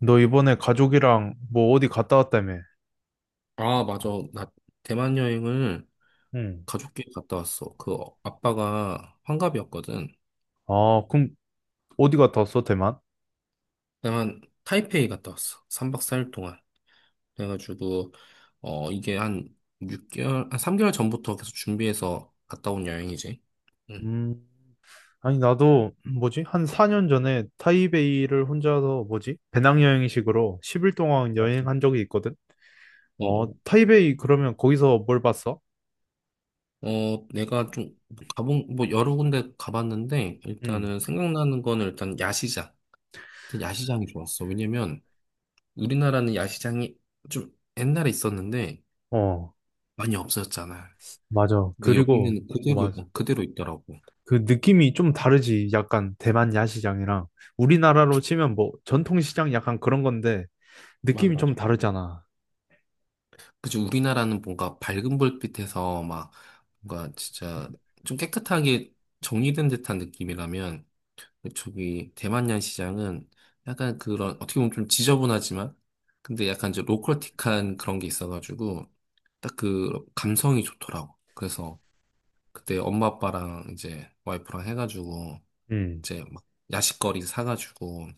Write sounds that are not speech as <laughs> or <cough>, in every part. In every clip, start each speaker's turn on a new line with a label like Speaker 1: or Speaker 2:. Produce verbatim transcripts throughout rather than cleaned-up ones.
Speaker 1: 너 이번에 가족이랑 뭐 어디 갔다 왔다며?
Speaker 2: 아, 맞아. 나 대만 여행을
Speaker 1: 응.
Speaker 2: 가족끼리 갔다 왔어. 그 어- 아빠가 환갑이었거든.
Speaker 1: 아, 그럼 어디 갔다 왔어, 대만?
Speaker 2: 대만 타이페이 갔다 왔어. 삼 박 사 일 동안. 그래가지고, 어, 이게 한 육 개월, 한 삼 개월 전부터 계속 준비해서 갔다 온 여행이지. 응,
Speaker 1: 음. 아니, 나도 뭐지? 한 사 년 전에 타이베이를 혼자서 뭐지? 배낭여행식으로 십 일 동안
Speaker 2: 맞지.
Speaker 1: 여행한 적이 있거든?
Speaker 2: 어,
Speaker 1: 어,
Speaker 2: 어,
Speaker 1: 타이베이 그러면 거기서 뭘 봤어?
Speaker 2: 어, 내가 좀 가본, 뭐 여러 군데 가봤는데,
Speaker 1: 응.
Speaker 2: 일단은 생각나는 거는 일단 야시장. 일단 야시장이 좋았어. 왜냐면 우리나라는 야시장이 좀 옛날에 있었는데,
Speaker 1: 어,
Speaker 2: 많이 없어졌잖아.
Speaker 1: 맞아.
Speaker 2: 근데
Speaker 1: 그리고,
Speaker 2: 여기는
Speaker 1: 어,
Speaker 2: 그대로,
Speaker 1: 맞아.
Speaker 2: 어, 그대로 있더라고.
Speaker 1: 그 느낌이 좀 다르지. 약간 대만 야시장이랑 우리나라로 치면 뭐 전통시장 약간 그런 건데
Speaker 2: 맞아,
Speaker 1: 느낌이 좀
Speaker 2: 맞아.
Speaker 1: 다르잖아.
Speaker 2: 그치, 우리나라는 뭔가 밝은 불빛에서 막 뭔가 진짜 좀 깨끗하게 정리된 듯한 느낌이라면 저기 대만양 시장은 약간 그런 어떻게 보면 좀 지저분하지만 근데 약간 이제 로컬틱한 그런 게 있어가지고 딱 그 감성이 좋더라고. 그래서 그때 엄마 아빠랑 이제 와이프랑 해가지고
Speaker 1: 응.
Speaker 2: 이제 막 야식거리 사가지고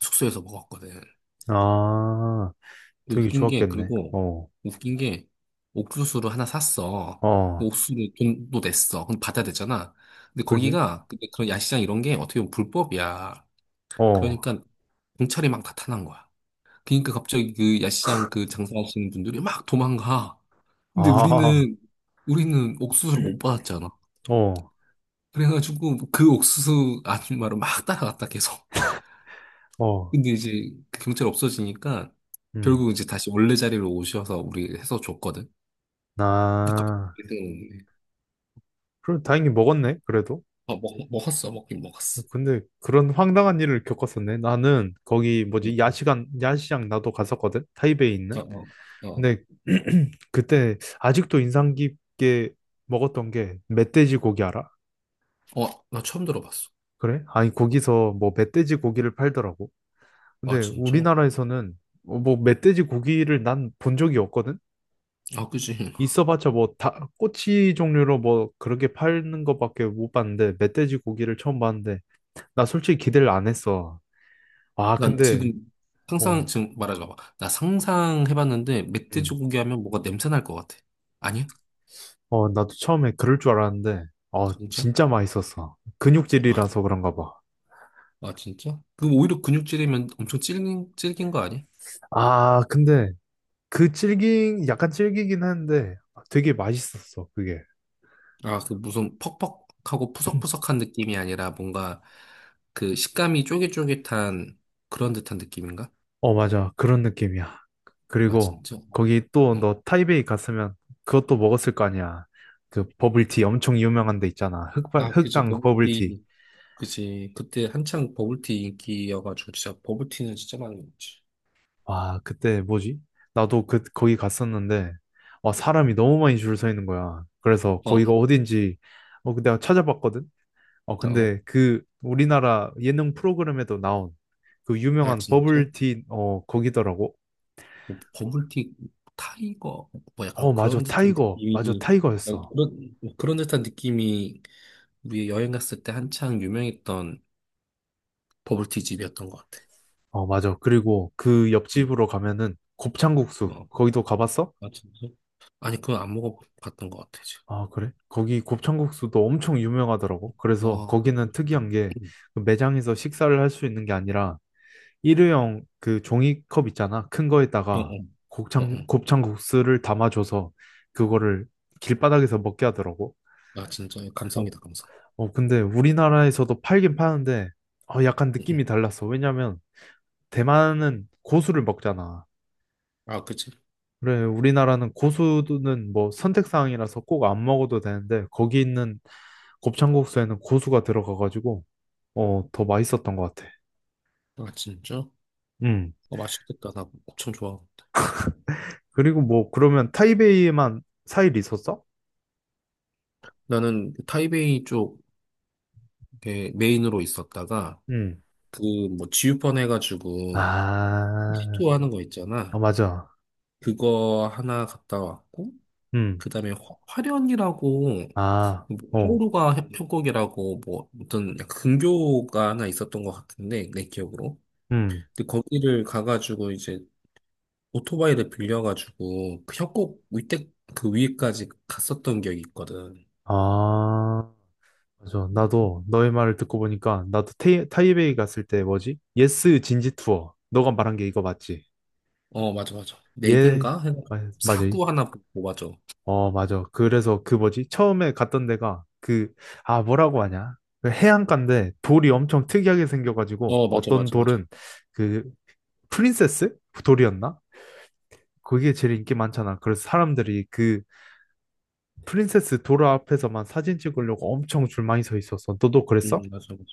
Speaker 2: 숙소에서 먹었거든.
Speaker 1: 아,
Speaker 2: 그
Speaker 1: 되게
Speaker 2: 웃긴 게,
Speaker 1: 좋았겠네.
Speaker 2: 그리고,
Speaker 1: 어.
Speaker 2: 웃긴 게, 옥수수를 하나 샀어. 그
Speaker 1: 어,
Speaker 2: 옥수수를 돈도 냈어. 그럼 받아야 되잖아. 근데
Speaker 1: 그지?
Speaker 2: 거기가, 근데 그런 야시장 이런 게 어떻게 보면 불법이야.
Speaker 1: 어.
Speaker 2: 그러니까, 경찰이 막 나타난 거야. 그러니까 갑자기 그 야시장 그 장사하시는 분들이 막 도망가. 근데
Speaker 1: 아.
Speaker 2: 우리는, 우리는 옥수수를 못 받았잖아.
Speaker 1: 어.
Speaker 2: 그래가지고 그 옥수수 아줌마를 막 따라갔다 계속.
Speaker 1: 어.
Speaker 2: 근데 이제 그 경찰 없어지니까
Speaker 1: 음.
Speaker 2: 결국 이제 다시 원래 자리로 오셔서 우리 해서 줬거든. 근데
Speaker 1: 나,
Speaker 2: 갑자기 생각났네.
Speaker 1: 그럼 다행히 먹었네, 그래도.
Speaker 2: 어, 먹, 먹었어. 먹긴 먹었어.
Speaker 1: 근데 그런 황당한 일을 겪었었네. 나는 거기
Speaker 2: 응.
Speaker 1: 뭐지, 야시간, 야시장 나도 갔었거든? 타이베이 있는.
Speaker 2: 응. 어, 어,
Speaker 1: 근데 <clears throat> 그때 아직도 인상 깊게 먹었던 게 멧돼지 고기 알아?
Speaker 2: 어. 어, 나 처음 들어봤어.
Speaker 1: 그래? 아니, 거기서 뭐 멧돼지 고기를 팔더라고.
Speaker 2: 아,
Speaker 1: 근데
Speaker 2: 진짜?
Speaker 1: 우리나라에서는 어, 뭐 멧돼지 고기를 난 본 적이 없거든?
Speaker 2: 아, 그지. <laughs>
Speaker 1: 있어봤자 뭐 다 꼬치 종류로 뭐 그렇게 파는 것밖에 못 봤는데 멧돼지 고기를 처음 봤는데 나 솔직히 기대를 안 했어. 아,
Speaker 2: 난
Speaker 1: 근데.
Speaker 2: 지금 상상,
Speaker 1: 어.
Speaker 2: 지금 말하지 마봐. 나 상상해봤는데,
Speaker 1: 음.
Speaker 2: 멧돼지고기 하면 뭐가 냄새 날 것 같아. 아니야?
Speaker 1: 어, 나도 처음에 그럴 줄 알았는데 어,
Speaker 2: 진짜?
Speaker 1: 진짜 맛있었어.
Speaker 2: 아,
Speaker 1: 근육질이라서 그런가 봐.
Speaker 2: 아, 진짜? 그 오히려 근육질이면 엄청 질긴, 질긴 거 아니야?
Speaker 1: 아, 근데 그 질긴 약간 질기긴 한데 되게 맛있었어 그게.
Speaker 2: 아, 그 무슨 퍽퍽하고 푸석푸석한 느낌이 아니라 뭔가 그 식감이 쫄깃쫄깃한 그런 듯한 느낌인가?
Speaker 1: 어, 맞아. 그런 느낌이야.
Speaker 2: 아,
Speaker 1: 그리고
Speaker 2: 진짜?
Speaker 1: 거기 또
Speaker 2: 어.
Speaker 1: 너 타이베이 갔으면 그것도 먹었을 거 아니야. 그 버블티 엄청 유명한 데 있잖아. 흑발,
Speaker 2: 아, 그치,
Speaker 1: 흑당 버블티.
Speaker 2: 버블티, 그치. 그때 한창 버블티 인기여가지고, 진짜 버블티는 진짜 많이 먹지.
Speaker 1: 와, 그때 뭐지? 나도 그, 거기 갔었는데, 와, 사람이 너무 많이 줄 서 있는 거야. 그래서
Speaker 2: 어,
Speaker 1: 거기가 어딘지, 어, 그 내가 찾아봤거든? 어,
Speaker 2: 어, 어.
Speaker 1: 근데 그 우리나라 예능 프로그램에도 나온 그
Speaker 2: 아,
Speaker 1: 유명한
Speaker 2: 진짜?
Speaker 1: 버블티, 어, 거기더라고.
Speaker 2: 뭐, 버블티 타이거, 뭐 약간
Speaker 1: 어, 맞아.
Speaker 2: 그런 듯한
Speaker 1: 타이거. 맞아.
Speaker 2: 느낌이, 아니,
Speaker 1: 타이거였어.
Speaker 2: 그런, 뭐 그런 듯한 느낌이 우리 여행 갔을 때 한창 유명했던 버블티 집이었던 것 같아.
Speaker 1: 어, 맞아. 그리고 그
Speaker 2: 응,
Speaker 1: 옆집으로 가면은 곱창국수.
Speaker 2: 어,
Speaker 1: 거기도 가봤어?
Speaker 2: 아, 진짜? 아니, 그건 안 먹어봤던 것 같아, 지금.
Speaker 1: 아, 그래? 거기 곱창국수도 엄청 유명하더라고. 그래서
Speaker 2: 와,
Speaker 1: 거기는 특이한 게그 매장에서 식사를 할 수 있는 게 아니라 일회용 그 종이컵 있잖아. 큰
Speaker 2: 음, 어,
Speaker 1: 거에다가
Speaker 2: 어, 어,
Speaker 1: 곱창,
Speaker 2: 어.
Speaker 1: 곱창국수를 담아줘서 그거를 길바닥에서 먹게 하더라고.
Speaker 2: 아, 진짜,
Speaker 1: 어.
Speaker 2: 감성이다, 감성.
Speaker 1: 어, 근데 우리나라에서도 팔긴 파는데 어, 약간
Speaker 2: 음, 음.
Speaker 1: 느낌이 달랐어. 왜냐면 대만은 고수를 먹잖아.
Speaker 2: 아, 그치.
Speaker 1: 그래, 우리나라는 고수는 뭐 선택사항이라서 꼭 안 먹어도 되는데, 거기 있는 곱창국수에는 고수가 들어가가지고, 어, 더 맛있었던 것 같아.
Speaker 2: 아, 진짜?
Speaker 1: 음.
Speaker 2: 어, 맛있겠다. 나 엄청 좋아.
Speaker 1: 그리고 뭐, 그러면 타이베이에만 사 일 있었어?
Speaker 2: 나는 그 타이베이 쪽 이렇게 메인으로 있었다가
Speaker 1: 음.
Speaker 2: 그 뭐 지우펀 해가지고
Speaker 1: 아.
Speaker 2: 시도 하는 거
Speaker 1: 아,
Speaker 2: 있잖아.
Speaker 1: 맞아.
Speaker 2: 그거 하나 갔다 왔고
Speaker 1: 음.
Speaker 2: 그다음에 화- 화련이라고
Speaker 1: 아,
Speaker 2: 뭐
Speaker 1: 어.
Speaker 2: 항로가 협- 협곡이라고 뭐 어떤 약간 근교가 하나 있었던 것 같은데 내 기억으로.
Speaker 1: 음.
Speaker 2: 근데 거기를 가가지고 이제 오토바이를 빌려가지고 그 협곡 위에 그 위에까지 갔었던 기억이 있거든.
Speaker 1: 아, 맞아. 나도 너의 말을 듣고 보니까, 나도 타이, 타이베이 갔을 때 뭐지? 예스 진지 투어. 너가 말한 게 이거 맞지?
Speaker 2: 어, 맞아, 맞아. 네
Speaker 1: 예,
Speaker 2: 개인가? 해가
Speaker 1: 맞- 맞아.
Speaker 2: 사구 하나 보고, 맞아.
Speaker 1: 어, 맞아. 그래서 그 뭐지? 처음에 갔던 데가 그, 아, 뭐라고 하냐? 그 해안가인데 돌이 엄청 특이하게 생겨가지고
Speaker 2: 어, 맞아,
Speaker 1: 어떤
Speaker 2: 맞아, 맞아.
Speaker 1: 돌은 그 프린세스 그 돌이었나? 그게 제일 인기 많잖아. 그래서 사람들이 그 프린세스 돌 앞에서만 사진 찍으려고 엄청 줄 많이 서 있었어. 너도
Speaker 2: 음,
Speaker 1: 그랬어?
Speaker 2: 맞아, 맞아.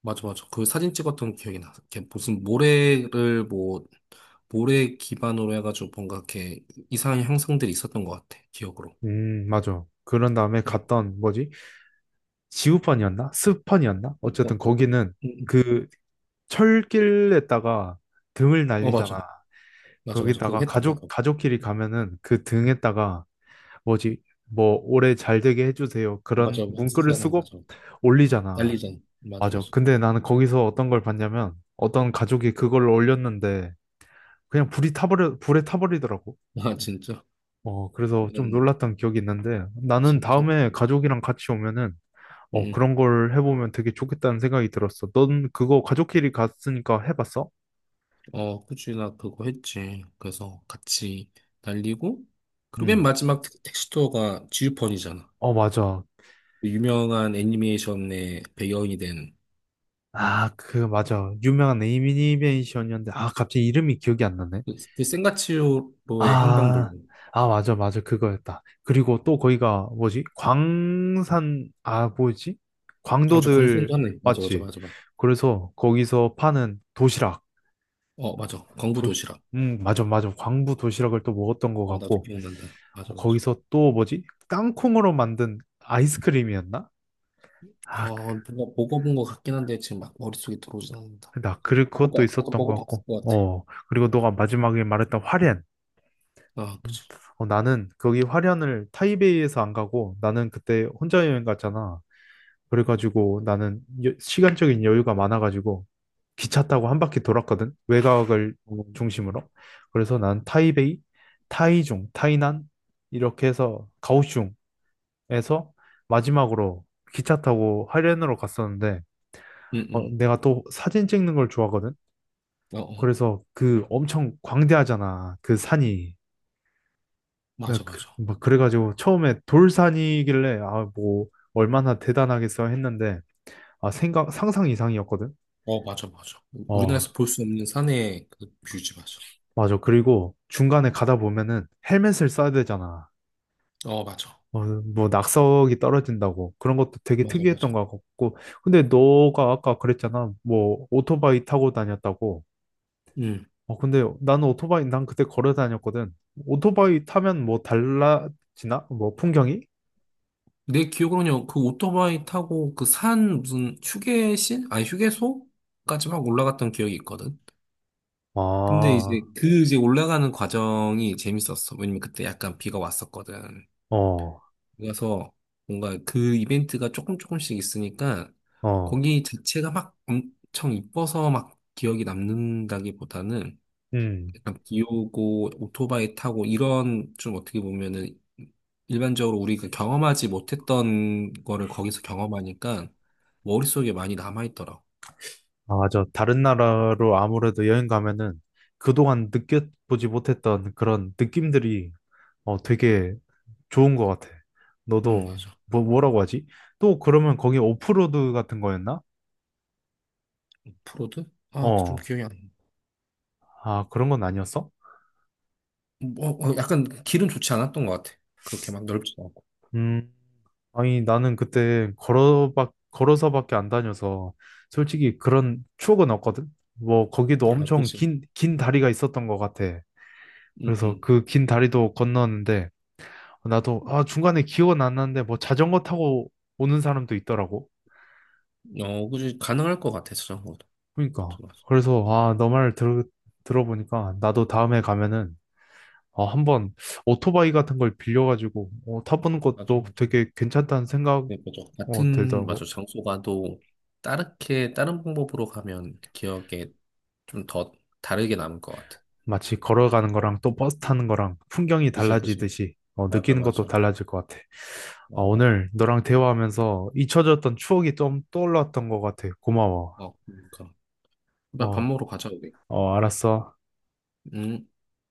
Speaker 2: 맞아, 맞아. 그 사진 찍었던 기억이 나. 이렇게 무슨 모래를 뭐, 모래 기반으로 해가지고 뭔가 이렇게 이상한 형상들이 있었던 것 같아. 기억으로.
Speaker 1: 음, 맞아. 그런 다음에
Speaker 2: 응.
Speaker 1: 갔던 뭐지? 지우펀이었나? 스펀이었나? 어쨌든
Speaker 2: 어, 그-
Speaker 1: 거기는
Speaker 2: 응,
Speaker 1: 그 철길에다가 등을
Speaker 2: 응. 어, 맞아.
Speaker 1: 날리잖아.
Speaker 2: 맞아, 맞아. 그거
Speaker 1: 거기다가
Speaker 2: 했다,
Speaker 1: 가족
Speaker 2: 맞아.
Speaker 1: 가족끼리 가면은 그 등에다가 뭐지 뭐 올해 잘 되게 해주세요
Speaker 2: 어,
Speaker 1: 그런
Speaker 2: 맞아, 막
Speaker 1: 문구를
Speaker 2: 쓰잖아,
Speaker 1: 쓰고
Speaker 2: 맞아, 맞아.
Speaker 1: 올리잖아.
Speaker 2: 날리잖아. 맞아,
Speaker 1: 맞아.
Speaker 2: 맞아.
Speaker 1: 근데 나는 거기서 어떤 걸 봤냐면 어떤 가족이 그걸 올렸는데 그냥 불이 타버려 불에 타버리더라고.
Speaker 2: 아, 진짜?
Speaker 1: 어, 그래서 좀
Speaker 2: 응
Speaker 1: 놀랐던 기억이 있는데 나는
Speaker 2: 진짜?
Speaker 1: 다음에 가족이랑 같이 오면은 어,
Speaker 2: 응.
Speaker 1: 그런 걸 해보면 되게 좋겠다는 생각이 들었어. 넌 그거 가족끼리 갔으니까 해봤어?
Speaker 2: 어, 그치, 나 그거 했지. 그래서 같이 날리고, 그리고 맨
Speaker 1: 응.
Speaker 2: 마지막 택- 텍스처가 지우펀이잖아.
Speaker 1: 어, 맞아.
Speaker 2: 그 유명한 애니메이션의 배경이 된그
Speaker 1: 아, 그, 맞아. 유명한 애니메이션이었는데, 아, 갑자기 이름이 기억이 안 나네.
Speaker 2: 그그 센가치로의
Speaker 1: 아,
Speaker 2: 행방불명.
Speaker 1: 아, 맞아, 맞아. 그거였다. 그리고 또 거기가 뭐지? 광산, 아, 뭐지?
Speaker 2: 아주 광선
Speaker 1: 광도들,
Speaker 2: 도 하나 있- 맞아, 맞아,
Speaker 1: 맞지?
Speaker 2: 맞아, 맞아.
Speaker 1: 그래서 거기서 파는 도시락.
Speaker 2: 어, 맞아.
Speaker 1: 도,
Speaker 2: 광부도시락.
Speaker 1: 음, 맞아, 맞아. 광부 도시락을 또 먹었던 것
Speaker 2: 어, 나도
Speaker 1: 같고,
Speaker 2: 기억난다. 맞아, 맞아.
Speaker 1: 거기서 또 뭐지? 땅콩으로 만든 아이스크림이었나? 아, 그,
Speaker 2: 어, 뭔가 먹어본 것 같긴 한데 지금 막 머릿속에 들어오진 않는다.
Speaker 1: 나, 그, 그것도
Speaker 2: 먹어봤, 나도
Speaker 1: 있었던 것
Speaker 2: 먹어봤을
Speaker 1: 같고,
Speaker 2: 것 같아.
Speaker 1: 어. 그리고 너가 마지막에 말했던 화렌.
Speaker 2: 아, 그치.
Speaker 1: 어, 나는 거기 화련을 타이베이에서 안 가고 나는 그때 혼자 여행 갔잖아. 그래가지고 나는 여- 시간적인 여유가 많아가지고 기차 타고 한 바퀴 돌았거든. 외곽을
Speaker 2: 어,
Speaker 1: 중심으로. 그래서 난 타이베이, 타이중, 타이난 이렇게 해서 가오슝에서 마지막으로 기차 타고 화련으로 갔었는데
Speaker 2: 응 응
Speaker 1: 어, 내가 또 사진 찍는 걸 좋아하거든.
Speaker 2: 어, 어.
Speaker 1: 그래서 그 엄청 광대하잖아. 그 산이. 네,
Speaker 2: 맞아,
Speaker 1: 그,
Speaker 2: 맞아.
Speaker 1: 막 그래가지고 처음에 돌산이길래 아 뭐 얼마나 대단하겠어 했는데 아 생각 상상 이상이었거든.
Speaker 2: 어, 맞아, 맞아.
Speaker 1: 어,
Speaker 2: 우리나라에서 볼 수 없는 산의 그 뷰지, 맞아.
Speaker 1: 맞아. 그리고 중간에 가다 보면은 헬멧을 써야 되잖아.
Speaker 2: 어, 맞아.
Speaker 1: 어, 뭐 낙석이 떨어진다고 그런 것도 되게
Speaker 2: 맞아,
Speaker 1: 특이했던
Speaker 2: 맞아.
Speaker 1: 것 같고. 근데 너가 아까 그랬잖아. 뭐 오토바이 타고 다녔다고.
Speaker 2: 음.
Speaker 1: 어, 근데 나는 오토바이 난 그때 걸어 다녔거든. 오토바이 타면 뭐 달라지나? 뭐 풍경이?
Speaker 2: 내 기억으로는요, 그 오토바이 타고 그 산 무슨 휴게실? 아니, 휴게소까지 막 올라갔던 기억이 있거든. 근데
Speaker 1: 아.
Speaker 2: 이제 그 이제 올라가는 과정이 재밌었어. 왜냐면 그때 약간 비가 왔었거든.
Speaker 1: 어.
Speaker 2: 그래서 뭔가 그 이벤트가 조금 조금씩 있으니까
Speaker 1: 어.
Speaker 2: 거기 자체가 막 엄청 이뻐서 막 기억이 남는다기보다는
Speaker 1: 음.
Speaker 2: 약간 비 오고 오토바이 타고 이런 좀 어떻게 보면은 일반적으로 우리가 경험하지 못했던 거를 거기서 경험하니까 머릿속에 많이 남아있더라고.
Speaker 1: 아, 맞아. 다른 나라로 아무래도 여행 가면은 그동안 느껴보지 못했던 그런 느낌들이 어, 되게 좋은 것 같아.
Speaker 2: 음,
Speaker 1: 너도
Speaker 2: 맞아.
Speaker 1: 뭐, 뭐라고 하지? 또 그러면 거기 오프로드 같은 거였나?
Speaker 2: 프로드? 아, 좀
Speaker 1: 어,
Speaker 2: 기억이 안 나.
Speaker 1: 아, 그런 건 아니었어?
Speaker 2: 뭐, 어, 약간 길은 좋지 않았던 것 같아. 그렇게 막 넓지 않고.
Speaker 1: 음, 아니, 나는 그때 걸어박, 걸어서밖에 안 다녀서 솔직히 그런 추억은 없거든? 뭐, 거기도
Speaker 2: 아,
Speaker 1: 엄청
Speaker 2: 그지.
Speaker 1: 긴, 긴 다리가 있었던 것 같아.
Speaker 2: 응,
Speaker 1: 그래서
Speaker 2: 응.
Speaker 1: 그 긴 다리도 건너는데 나도 아 중간에 기억은 안 나는데 뭐 자전거 타고 오는 사람도 있더라고.
Speaker 2: 어, 그지. 가능할 것 같아, 저런 것도.
Speaker 1: 그러니까
Speaker 2: 맞아,
Speaker 1: 그래서 아 너 말 들어 들어보니까 나도 다음에 가면은 어, 한번 오토바이 같은 걸 빌려가지고 어, 타보는
Speaker 2: 맞아.
Speaker 1: 것도
Speaker 2: 맞아.
Speaker 1: 되게 괜찮다는 생각
Speaker 2: 네, 맞아.
Speaker 1: 어,
Speaker 2: 같은, 맞아.
Speaker 1: 들더라고.
Speaker 2: 장소 가도 다르게, 다른 방법으로 가면 기억에 좀 더 다르게 남을 것 같아.
Speaker 1: 마치 걸어가는 거랑 또 버스 타는 거랑 풍경이
Speaker 2: 그지, 그지.
Speaker 1: 달라지듯이 어,
Speaker 2: 맞아,
Speaker 1: 느끼는 것도
Speaker 2: 맞아.
Speaker 1: 달라질 것 같아. 어,
Speaker 2: 어, 맞아.
Speaker 1: 오늘 너랑 대화하면서 잊혀졌던 추억이 좀 떠올랐던 것 같아. 고마워.
Speaker 2: 어, 그러니까. 나 밥
Speaker 1: 어,
Speaker 2: 먹으러 가자, 우리.
Speaker 1: 어, 알았어.
Speaker 2: 응.